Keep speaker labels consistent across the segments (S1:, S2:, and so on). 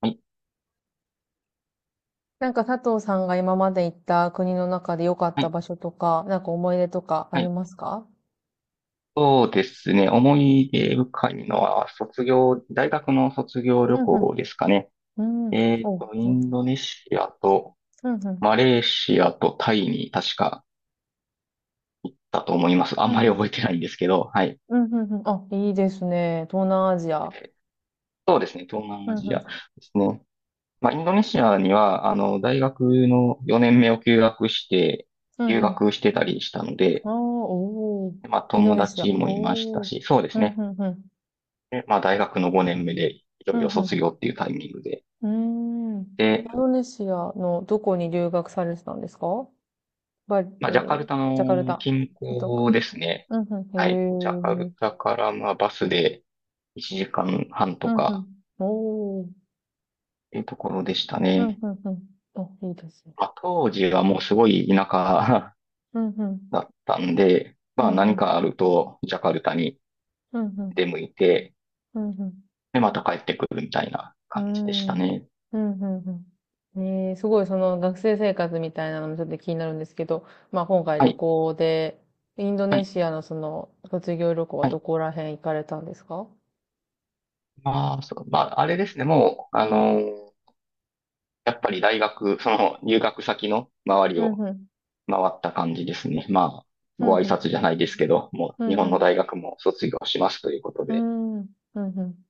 S1: はい、
S2: なんか佐藤さんが今まで行った国の中で良かっ
S1: は
S2: た
S1: い、
S2: 場所とか、なんか思い出とかあ
S1: は
S2: り
S1: い。
S2: ますか？
S1: そうですね。思い出深いのは、卒業、大学の卒業旅
S2: うん
S1: 行
S2: う
S1: ですかね。
S2: ん。うん。お、う
S1: イ
S2: んうん。
S1: ンドネシアと、
S2: うんうん。
S1: マレーシアとタイに確かだと思います。あ
S2: う
S1: ん
S2: んう
S1: まり覚
S2: ん。
S1: えてないんですけど、はい。
S2: うんうん。あ、いいですね。東南アジア。
S1: そうですね。東南
S2: う
S1: ア
S2: んう
S1: ジアで
S2: ん。
S1: すね。まあ、インドネシアには、大学の4年目を休学して、
S2: うん
S1: 留
S2: うん。
S1: 学してたりしたので、
S2: ああ、おー。
S1: でまあ、
S2: インド
S1: 友
S2: ネシア。
S1: 達もいました
S2: おー。
S1: し、そうで
S2: う
S1: す
S2: ん
S1: ね。
S2: うんうん。
S1: でまあ、大学の5年目で、いよ
S2: う
S1: い
S2: ん
S1: よ
S2: う
S1: 卒業っていうタイミングで、
S2: ん。うーん。
S1: で、
S2: インドネシアのどこに留学されてたんですか？バリ、
S1: まあ、ジャカル
S2: ー、
S1: タ
S2: ジャカル
S1: の
S2: タ。
S1: 近
S2: そうとか。
S1: 郊ですね。
S2: うんう
S1: はい。ジャカ
S2: ん。へ
S1: ル
S2: え。
S1: タから、まあ、バスで1時間半
S2: う
S1: と
S2: んうん。
S1: か
S2: おー。
S1: っていうところでした
S2: うん、うん
S1: ね。
S2: うん。あ、いいですね。
S1: まあ、当時はもうすごい田舎
S2: うん、うん。
S1: だったんで、
S2: う
S1: まあ、
S2: ん、う
S1: 何
S2: ん。
S1: かあると、ジャカルタに
S2: うん、うん。
S1: 出向いて、
S2: うん、うん。
S1: で、また帰ってくるみたいな
S2: う
S1: 感じでし
S2: ん。
S1: た
S2: うん、
S1: ね。
S2: うんね、すごいその学生生活みたいなのもちょっと気になるんですけど、まあ今回
S1: は
S2: 旅
S1: い。
S2: 行で、インド
S1: は
S2: ネ
S1: い。
S2: シアのその卒業旅行は
S1: は
S2: ど
S1: い。
S2: こら辺行かれたんですか？
S1: まあ、そう、まあ、あれですね。もう、やっぱり大学、その入学先の周り
S2: うん、
S1: を
S2: うん。
S1: 回った感じですね。まあ、
S2: うん、
S1: ご挨
S2: うん。
S1: 拶じゃないですけど、もう
S2: うん、
S1: 日本の
S2: う
S1: 大学も卒業しますということで。
S2: ん。うん。うん、うん。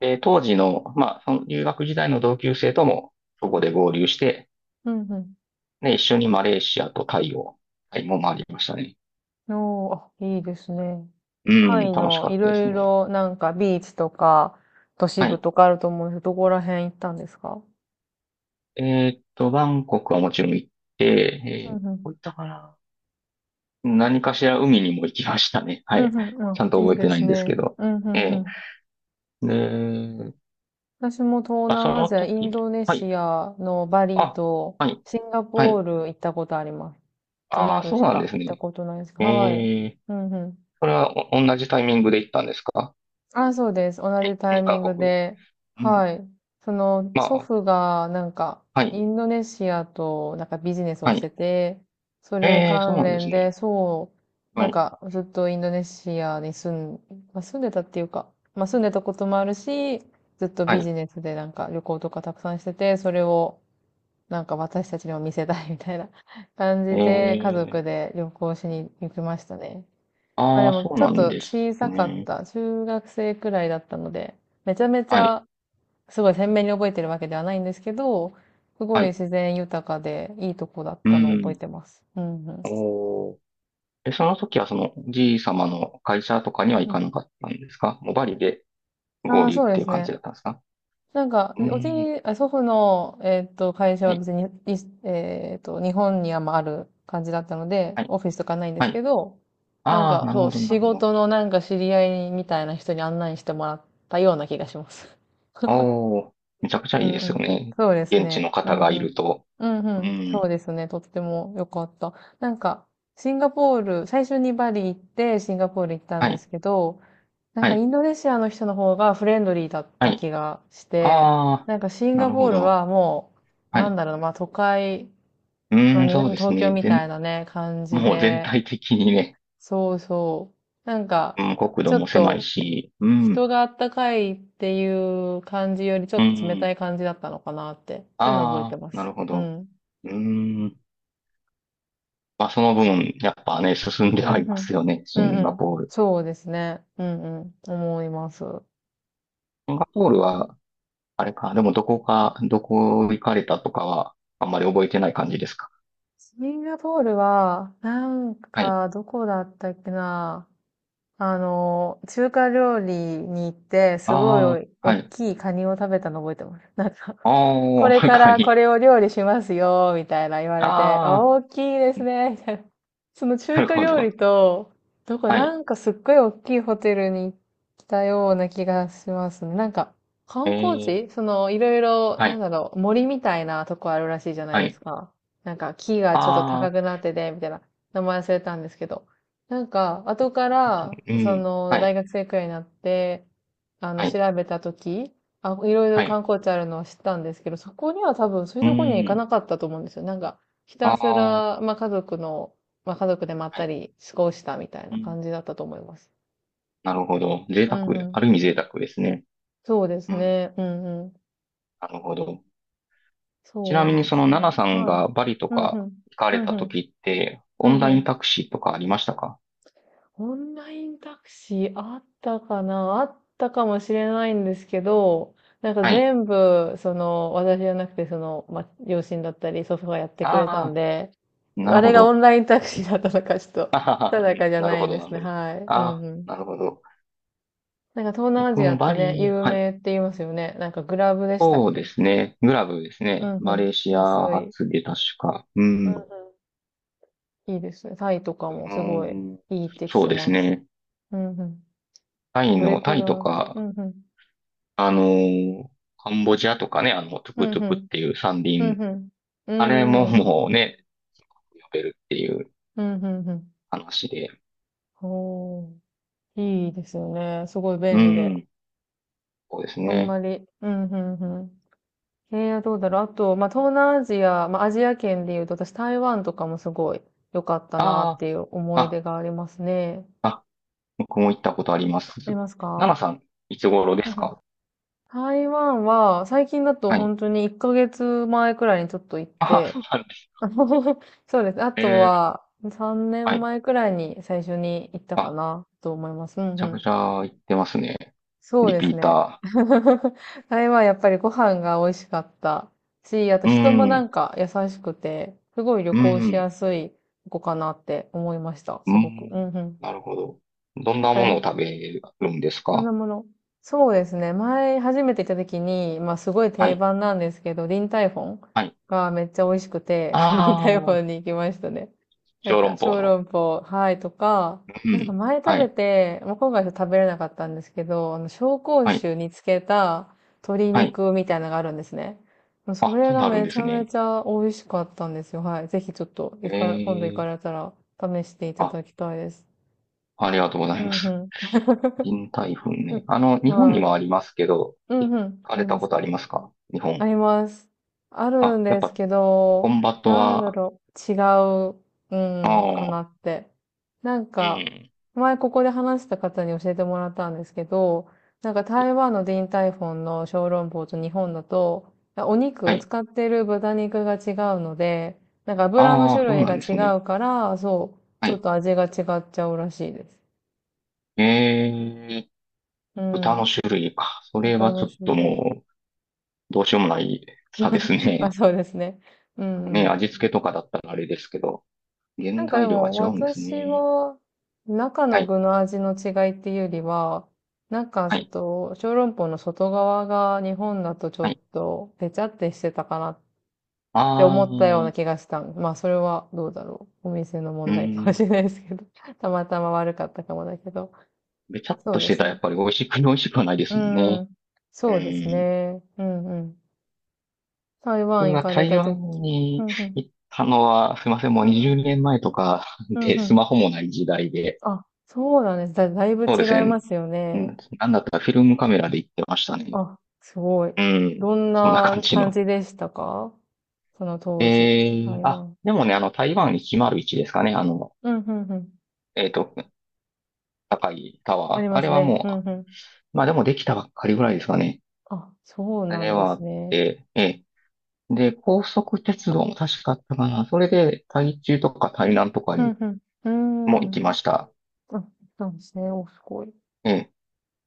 S1: で、当時の、まあ、その留学時代の同級生とも、そこで合流して、
S2: うん、うん。
S1: ね、一緒にマレーシアとタイを、タイも回りましたね。
S2: おー、あ、いいですね。
S1: う
S2: タ
S1: ん、
S2: イ
S1: 楽し
S2: の
S1: か
S2: い
S1: ったで
S2: ろ
S1: す
S2: い
S1: ね。
S2: ろなんかビーチとか都市
S1: は
S2: 部
S1: い。
S2: とかあると思うんですけど、どこら辺行ったんですか？
S1: えバンコクはもちろん行っ
S2: う
S1: て、
S2: んう
S1: どこ
S2: ん。
S1: 行ったかな。何かしら海にも行きましたね。
S2: う
S1: は
S2: ん
S1: い。
S2: うん。
S1: ちゃ
S2: あ、
S1: んと
S2: いい
S1: 覚え
S2: で
S1: てない
S2: す
S1: んですけ
S2: ね。
S1: ど。
S2: うんうんう
S1: え
S2: ん。
S1: で、
S2: 私も東
S1: あ、そ
S2: 南ア
S1: の
S2: ジア、イ
S1: 時
S2: ン
S1: に、
S2: ドネ
S1: はい。
S2: シアのバリ
S1: あ、
S2: と
S1: はい。
S2: シンガ
S1: は
S2: ポー
S1: い。
S2: ル行ったことあります。あと2
S1: ああ、
S2: 個
S1: そう
S2: し
S1: なん
S2: か
S1: です
S2: 行った
S1: ね。
S2: ことないです。はい。
S1: ええ、
S2: うんうん。
S1: それはお同じタイミングで行ったんですか？
S2: あ、そうです。同じ
S1: に
S2: タイミ
S1: 二
S2: ン
S1: カ
S2: グ
S1: 国。
S2: で。
S1: うん。
S2: はい。その、
S1: ま
S2: 祖
S1: あ、
S2: 父が、なんか、
S1: は
S2: イ
S1: い、
S2: ンドネシアと、なんかビジネスを
S1: は
S2: して
S1: い。
S2: て、それ
S1: えそう
S2: 関
S1: なんです
S2: 連で、
S1: ね。
S2: そう、
S1: は
S2: なん
S1: い、
S2: か、ずっとインドネシアにまあ、住んでたっていうか、まあ、住んでたこともあるし、ずっと
S1: は
S2: ビ
S1: い。
S2: ジネスでなんか旅行とかたくさんしてて、それを、なんか私たちにも見せたいみたいな 感
S1: え
S2: じで、家族
S1: え、
S2: で旅行しに行きましたね。まあ
S1: あ
S2: で
S1: あ、
S2: も
S1: そう
S2: ちょ
S1: な
S2: っ
S1: ん
S2: と
S1: で
S2: 小
S1: す
S2: さかっ
S1: ね。
S2: た。中学生くらいだったので、めちゃめち
S1: はい、
S2: ゃすごい鮮明に覚えてるわけではないんですけど、すご
S1: は
S2: い
S1: い。
S2: 自然豊かでいいとこだっ
S1: う
S2: たのを覚え
S1: ん。
S2: てます。うんうん。
S1: おー。え、その時はその、じい様の会社とかに
S2: う
S1: は
S2: ん
S1: 行
S2: う
S1: かなかったんですか？もうバリで
S2: ん、あ
S1: 合
S2: あ、
S1: 流っ
S2: そうで
S1: ていう
S2: す
S1: 感じ
S2: ね。
S1: だったんですか？
S2: なんか、
S1: うー
S2: おじ
S1: ん。
S2: い、あ祖父の、会社
S1: は
S2: は
S1: い、
S2: 別に、いえっと、日本にはまあある感じだったので、
S1: はい、
S2: オフィスとかないんで
S1: は
S2: すけ
S1: い。
S2: ど、なん
S1: ああ、
S2: か、
S1: なる
S2: そ
S1: ほ
S2: う、
S1: ど、な
S2: 仕
S1: るほど。
S2: 事のなんか知り合いみたいな人に案内してもらったような気がします。
S1: ああ、めちゃくちゃ
S2: う
S1: いいです
S2: んう
S1: よ
S2: ん。
S1: ね。
S2: そうです
S1: 現地
S2: ね。
S1: の
S2: う
S1: 方
S2: んう
S1: がい
S2: ん。
S1: ると。
S2: うん
S1: う
S2: うん。
S1: ん。
S2: そうですね。とっても良かった。なんか、シンガポール、最初にバリ行って、シンガポール行ったん
S1: は
S2: で
S1: い、
S2: すけど、なん
S1: は
S2: かイ
S1: い、
S2: ンドネシアの人の方がフレンドリーだっ
S1: は
S2: た
S1: い。
S2: 気がして、
S1: ああ、
S2: なんかシン
S1: な
S2: ガ
S1: る
S2: ポ
S1: ほ
S2: ール
S1: ど。
S2: はもう、
S1: は
S2: なん
S1: い。
S2: だろうな、まあ都会、ま
S1: う
S2: あ
S1: ん、
S2: に
S1: そうです
S2: 東京
S1: ね。
S2: みた
S1: 全、
S2: いなね、感じ
S1: もう全
S2: で、
S1: 体的にね、
S2: そうそう。なん
S1: う
S2: か、
S1: ん、国
S2: ち
S1: 土
S2: ょ
S1: も
S2: っ
S1: 狭い
S2: と、
S1: し、うん、
S2: 人があったかいっていう感じよりちょ
S1: う
S2: っと冷
S1: ん。
S2: たい感じだったのかなって、そういうの覚えて
S1: ああ、
S2: ま
S1: な
S2: す。
S1: るほ
S2: う
S1: ど。
S2: ん。
S1: うん。まあ、その分、やっぱね、進んで
S2: うん
S1: は
S2: う
S1: います
S2: ん。
S1: よね。シ
S2: うん
S1: ン
S2: う
S1: ガ
S2: ん。
S1: ポール。
S2: そうですね。うんうん。思います。そ
S1: シンガポール
S2: うか。
S1: は、あれか、でもどこか、どこ行かれたとかは、あんまり覚えてない感じですか。
S2: シンガポールは、なん
S1: はい。
S2: か、どこだったっけな。中華料理に行って、すご
S1: ああ、
S2: い大
S1: はい。
S2: きいカニを食べたの覚えてます。なんか、こ
S1: ああ、
S2: れか
S1: 中
S2: らこ
S1: に。
S2: れを料理しますよ、みたいな言われて、あ
S1: あ
S2: 大きいです
S1: ー、
S2: ね、みたいな。その
S1: な
S2: 中
S1: る
S2: 華
S1: ほ
S2: 料
S1: ど。
S2: 理と、どこ、
S1: は
S2: な
S1: い。
S2: んかすっごい大きいホテルに来たような気がしますね。なんか、
S1: え
S2: 観光
S1: ー、
S2: 地その、いろいろ、
S1: は
S2: なん
S1: い、
S2: だろう、森みたいなとこあるらしいじゃない
S1: は
S2: で
S1: い。
S2: すか。なんか、木がちょっと
S1: あ
S2: 高くなってて、みたいな。名前忘れたんですけど。なんか、後から、
S1: ー、
S2: そ
S1: うん。
S2: の、
S1: は
S2: 大
S1: い、
S2: 学生くらいになって、
S1: は
S2: 調
S1: い、
S2: べたとき、あ、いろいろ
S1: はい。
S2: 観光地あるのは知ったんですけど、そこには多分そういう
S1: う
S2: とこには行か
S1: ん。
S2: なかったと思うんですよ。なんか、ひ
S1: あ
S2: たす
S1: ー、
S2: ら、まあ家族の、まあ家族でまっ
S1: は
S2: た
S1: い。
S2: り過ごしたみたい
S1: う
S2: な
S1: ん。
S2: 感じだったと思います。
S1: なるほど。贅
S2: う
S1: 沢、
S2: んうん。
S1: ある意味贅沢ですね。
S2: そうで
S1: う
S2: す
S1: ん。
S2: ね。うんうん。
S1: なるほど。ちな
S2: そ
S1: み
S2: う
S1: に、
S2: で
S1: そ
S2: す
S1: の、ナ
S2: ね。
S1: ナさん
S2: はい。
S1: がバリと
S2: うんう
S1: か
S2: ん。
S1: 行か
S2: う
S1: れ
S2: ん
S1: た
S2: うん。
S1: 時って、
S2: う
S1: オン
S2: んう
S1: ライン
S2: ん。
S1: タクシーとかありましたか？
S2: オンラインタクシーあったかな、あったかもしれないんですけど、なんか
S1: はい。
S2: 全部、その、私じゃなくて、その、ま、両親だったり、祖父がやってくれたん
S1: ああ、
S2: で、
S1: な
S2: あ
S1: る
S2: れ
S1: ほ
S2: がオ
S1: ど。
S2: ンラインタクシーだったのか、ちょっ
S1: あ
S2: と、
S1: ははは
S2: 定かじゃ
S1: なる
S2: な
S1: ほ
S2: いん
S1: ど、
S2: で
S1: な
S2: す
S1: る
S2: ね。
S1: ほど。
S2: はい。う
S1: あ
S2: ん
S1: あ、
S2: うん。
S1: なるほど。
S2: なんか東南ア
S1: 僕
S2: ジア
S1: も
S2: って
S1: バ
S2: ね、
S1: リ、
S2: 有
S1: はい。
S2: 名って言いますよね。なんかグラブでしたっ
S1: そうで
S2: け？
S1: すね。グラブです
S2: う
S1: ね。
S2: ん
S1: マ
S2: う
S1: レー
S2: ん。
S1: シ
S2: 安
S1: ア
S2: い。
S1: 発で確か。う
S2: うん
S1: ん。う
S2: うん。いいですね。タイとかも
S1: ー
S2: すごい
S1: ん、
S2: いいって聞
S1: そう
S2: き
S1: です
S2: ます。
S1: ね。
S2: うんうん。
S1: タイ
S2: どれ
S1: の、タ
S2: く
S1: イと
S2: らい。う
S1: か、
S2: んうん。
S1: あのーカンボジアとかね、あの、トゥ
S2: う
S1: クト
S2: ん
S1: ゥ
S2: う
S1: クっ
S2: ん。
S1: ていう三
S2: う
S1: 輪。
S2: ん、う
S1: あれ
S2: ん。
S1: も
S2: うーん。
S1: もうね、呼べるっていう
S2: うん、うん、うん。
S1: 話で。
S2: ほう。いいですよね。すごい
S1: う
S2: 便利で。
S1: ん。そうです
S2: あん
S1: ね。
S2: まり。うん、うん、うん。どうだろう。あと、まあ、東南アジア、まあ、アジア圏で言うと、私、台湾とかもすごい良かったなっ
S1: あ
S2: ていう
S1: あ、
S2: 思い出
S1: あ、
S2: がありますね。
S1: あ、僕も行ったことありま
S2: あり
S1: す。
S2: ます
S1: ナナ
S2: か？
S1: さん、いつ頃で
S2: う
S1: す
S2: んうん。
S1: か？
S2: 台湾は、最近だと
S1: はい。
S2: 本当に1ヶ月前くらいにちょっと行っ
S1: ああ、そ
S2: て、
S1: うなんです
S2: あの そうです。あと
S1: ね。
S2: は、3
S1: は
S2: 年
S1: い。
S2: 前くらいに最初に行ったか
S1: あ、
S2: なと思います。うん
S1: めち
S2: う
S1: ゃく
S2: ん。
S1: ちゃ行ってますね。
S2: そう
S1: リ
S2: で
S1: ピ
S2: す
S1: ー
S2: ね。
S1: ター。
S2: あれはやっぱりご飯が美味しかったし、あと
S1: う
S2: 人もなん
S1: ん、
S2: か優しくて、すごい旅
S1: う
S2: 行し
S1: ん、
S2: やすい子かなって思いました。
S1: う
S2: すごく。う
S1: ん。
S2: んうん。
S1: なるほど。どん
S2: なん
S1: な
S2: か
S1: ものを食べるんです
S2: そ
S1: か？
S2: のもの。そうですね。前初めて行った時に、まあすごい
S1: は
S2: 定
S1: い、
S2: 番なんですけど、リンタイフォン
S1: はい。
S2: がめっちゃ美味しくて、リンタイフ
S1: あ
S2: ォン
S1: あ、
S2: に行きましたね。なん
S1: 小
S2: か、
S1: 籠
S2: 小
S1: 包の。
S2: 籠包、はいとか、
S1: う
S2: なんか
S1: ん、
S2: 前食
S1: は
S2: べ
S1: い、
S2: て、もう今回は食べれなかったんですけど、紹興
S1: はい、
S2: 酒につけた鶏
S1: はい。
S2: 肉みたいなのがあるんですね。もうそ
S1: あ、
S2: れ
S1: そん
S2: が
S1: なあるん
S2: め
S1: で
S2: ち
S1: す
S2: ゃめ
S1: ね。
S2: ちゃ美味しかったんですよ。はい。ぜひちょっと、
S1: え
S2: 今度行か
S1: え
S2: れたら試していた
S1: あ、
S2: だきたいです。
S1: ありがとうござ
S2: う
S1: いま
S2: んう
S1: す。
S2: ん。
S1: 臨海粉ね。日本に
S2: は
S1: もあ
S2: い。
S1: りますけど、
S2: う
S1: 行
S2: んうん。
S1: か
S2: あ
S1: れ
S2: り
S1: た
S2: ま
S1: こ
S2: す
S1: とあ
S2: ね。
S1: りますか？日
S2: あ
S1: 本。
S2: ります。ある
S1: あ、
S2: ん
S1: やっ
S2: です
S1: ぱ、
S2: け
S1: コ
S2: ど、
S1: ンバット
S2: なんだ
S1: は、
S2: ろう。違う、
S1: あ
S2: うん、か
S1: あ、
S2: なって。なん
S1: う
S2: か、
S1: ん。
S2: 前ここで話した方に教えてもらったんですけど、なんか台湾のディンタイフォンの小籠包と日本だと、お
S1: は
S2: 肉、
S1: い。
S2: 使ってる豚肉が違うので、なんか油の
S1: あ
S2: 種
S1: あ、そう
S2: 類
S1: な
S2: が
S1: んです
S2: 違
S1: ね。
S2: うから、そう、
S1: は
S2: ちょっ
S1: い。
S2: と味が違っ。
S1: ええ豚の種類か。それはちょっともう、どうしようもない差ですね。ね、味付けとかだったらあれですけど、原
S2: なんかで
S1: 材料が
S2: も
S1: 違うんです
S2: 私
S1: ね。
S2: は中
S1: は
S2: の
S1: い、
S2: 具の味の違いっていうよりは、中
S1: はい、
S2: と小籠包の外側が日本だとちょ
S1: は
S2: っ
S1: い。
S2: とペチャってしてたかなっ
S1: あ
S2: て思ったような
S1: ー、
S2: 気がした。まあそれはどうだろう。お店の
S1: う
S2: 問
S1: ー
S2: 題かもし
S1: ん。
S2: れないですけど。たまたま悪かったかもだけど。
S1: べちゃっ
S2: そう
S1: とし
S2: で
S1: て
S2: す
S1: たらやっ
S2: ね。
S1: ぱり美味しく、美味しくはないで
S2: う
S1: すもんね。
S2: ん。
S1: う
S2: そうです
S1: ん。
S2: ね。うんうん。台湾
S1: 僕
S2: 行
S1: は
S2: かれ
S1: 台
S2: たとき。
S1: 湾
S2: う
S1: に
S2: んうん。
S1: 行ったのは、すいません、もう20年前とか
S2: うん
S1: で、
S2: う
S1: ス
S2: ん。
S1: マホもない時代で。
S2: あ、そうなんです。だいぶ
S1: そう
S2: 違
S1: で
S2: い
S1: す
S2: ま
S1: ね。
S2: すよ
S1: う
S2: ね。
S1: ん、なんだったらフィルムカメラで行ってましたね。
S2: あ、すごい。
S1: うん。
S2: どん
S1: そんな感
S2: な
S1: じ
S2: 感
S1: の。
S2: じでしたか？その当時、台
S1: あ、
S2: 湾。
S1: でもね、あの、台湾いちまる0 1ですかね。
S2: うん、うん、うん。
S1: えっと、高いタ
S2: あ
S1: ワー。
S2: り
S1: あ
S2: ま
S1: れ
S2: す
S1: は
S2: ね。うん、
S1: も
S2: うん。
S1: う、まあでもできたばっかりぐらいですかね。
S2: あ、そう
S1: あ
S2: な
S1: れ
S2: んで
S1: はあ
S2: す
S1: っ
S2: ね。
S1: て、で、高速鉄道も確かあったかな。それで、台中とか台南とか
S2: う
S1: に
S2: ん、うん。
S1: も
S2: う
S1: 行
S2: ー
S1: き
S2: ん。
S1: ました。
S2: あ、そうなんですね。お、すごい。
S1: ええ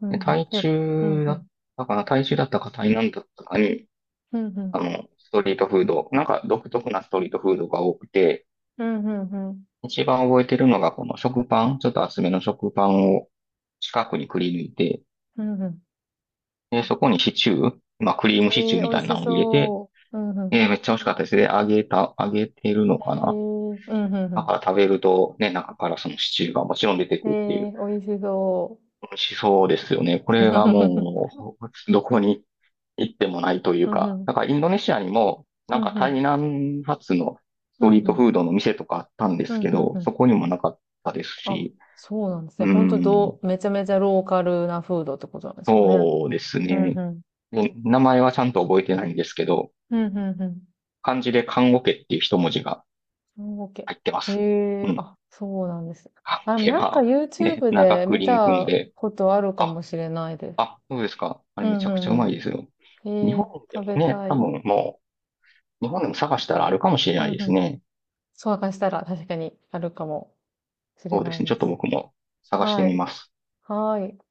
S2: うん、
S1: で
S2: うん。
S1: 台
S2: うん、
S1: 中だ
S2: う
S1: っ
S2: ん。
S1: たかな、台中だったか台南だったかに、
S2: うん、う
S1: あ
S2: ん。
S1: の、ストリートフード、なんか独特なストリートフードが多くて、
S2: うん、うん。うん、
S1: 一番覚えてるのがこの食パン、ちょっと厚めの食パンを四角にくり抜いて、
S2: うん、うん。
S1: そこにシチュー、まあ、クリー
S2: え
S1: ムシチューみ
S2: 美味
S1: たいな
S2: し
S1: のを入れて、
S2: そう。うん、うん。
S1: めっちゃ美味しかったですね。揚げた、揚げてるのか
S2: え
S1: な。
S2: ー、うん、うん、
S1: だ
S2: う
S1: から食べると、ね、中からそのシチューがもちろん出て
S2: ん。
S1: くるってい
S2: え
S1: う。
S2: ー、美味しそう。
S1: 美味しそうですよね。これが もう、どこに行ってもないという
S2: うん、うん。う
S1: か。
S2: ん、うん。
S1: だからインドネシアにも、
S2: う
S1: なん
S2: ん、
S1: か
S2: う
S1: 台
S2: ん。
S1: 南発のス
S2: う
S1: ト
S2: ん、
S1: リー
S2: う
S1: ト
S2: ん。
S1: フードの店とかあったんで
S2: う
S1: す
S2: ん、
S1: けど、
S2: うん。
S1: そこにもなかったです
S2: あ、
S1: し、
S2: そうなんです
S1: う
S2: ね。
S1: ー
S2: 本当。
S1: ん、
S2: めちゃめちゃローカルなフードってことなんですかね？
S1: そうです
S2: うん
S1: ね。
S2: うん。
S1: で名前はちゃんと覚えてないんですけど、
S2: うんうんう
S1: 漢字で看護家っていう一文字が、
S2: ん。オーケ
S1: 入ってま
S2: ー。
S1: す。
S2: へ
S1: う
S2: え、
S1: ん。
S2: あ、そうなんです。あ、
S1: あ、
S2: でも
S1: 手
S2: なんか
S1: 間、ね、
S2: YouTube
S1: 長
S2: で
S1: く
S2: 見
S1: り抜くの
S2: た
S1: で、
S2: ことあるか
S1: あ、
S2: もしれないです。
S1: あ、そうですか。あ
S2: う
S1: れめ
S2: ん
S1: ち
S2: う
S1: ゃくちゃう
S2: ん
S1: ま
S2: う
S1: いですよ。
S2: ん。
S1: 日
S2: へ
S1: 本
S2: え、
S1: で
S2: 食
S1: も
S2: べ
S1: ね、
S2: た
S1: 多
S2: い。
S1: 分もう、日本でも探したらあるかもしれ
S2: う
S1: な
S2: ん
S1: いで
S2: う
S1: す
S2: ん。
S1: ね。
S2: そう明かしたら確かにあるかもしれ
S1: そうで
S2: な
S1: す
S2: い
S1: ね。ちょ
S2: で
S1: っと
S2: す。
S1: 僕も探して
S2: は
S1: み
S2: い。
S1: ます。
S2: はい。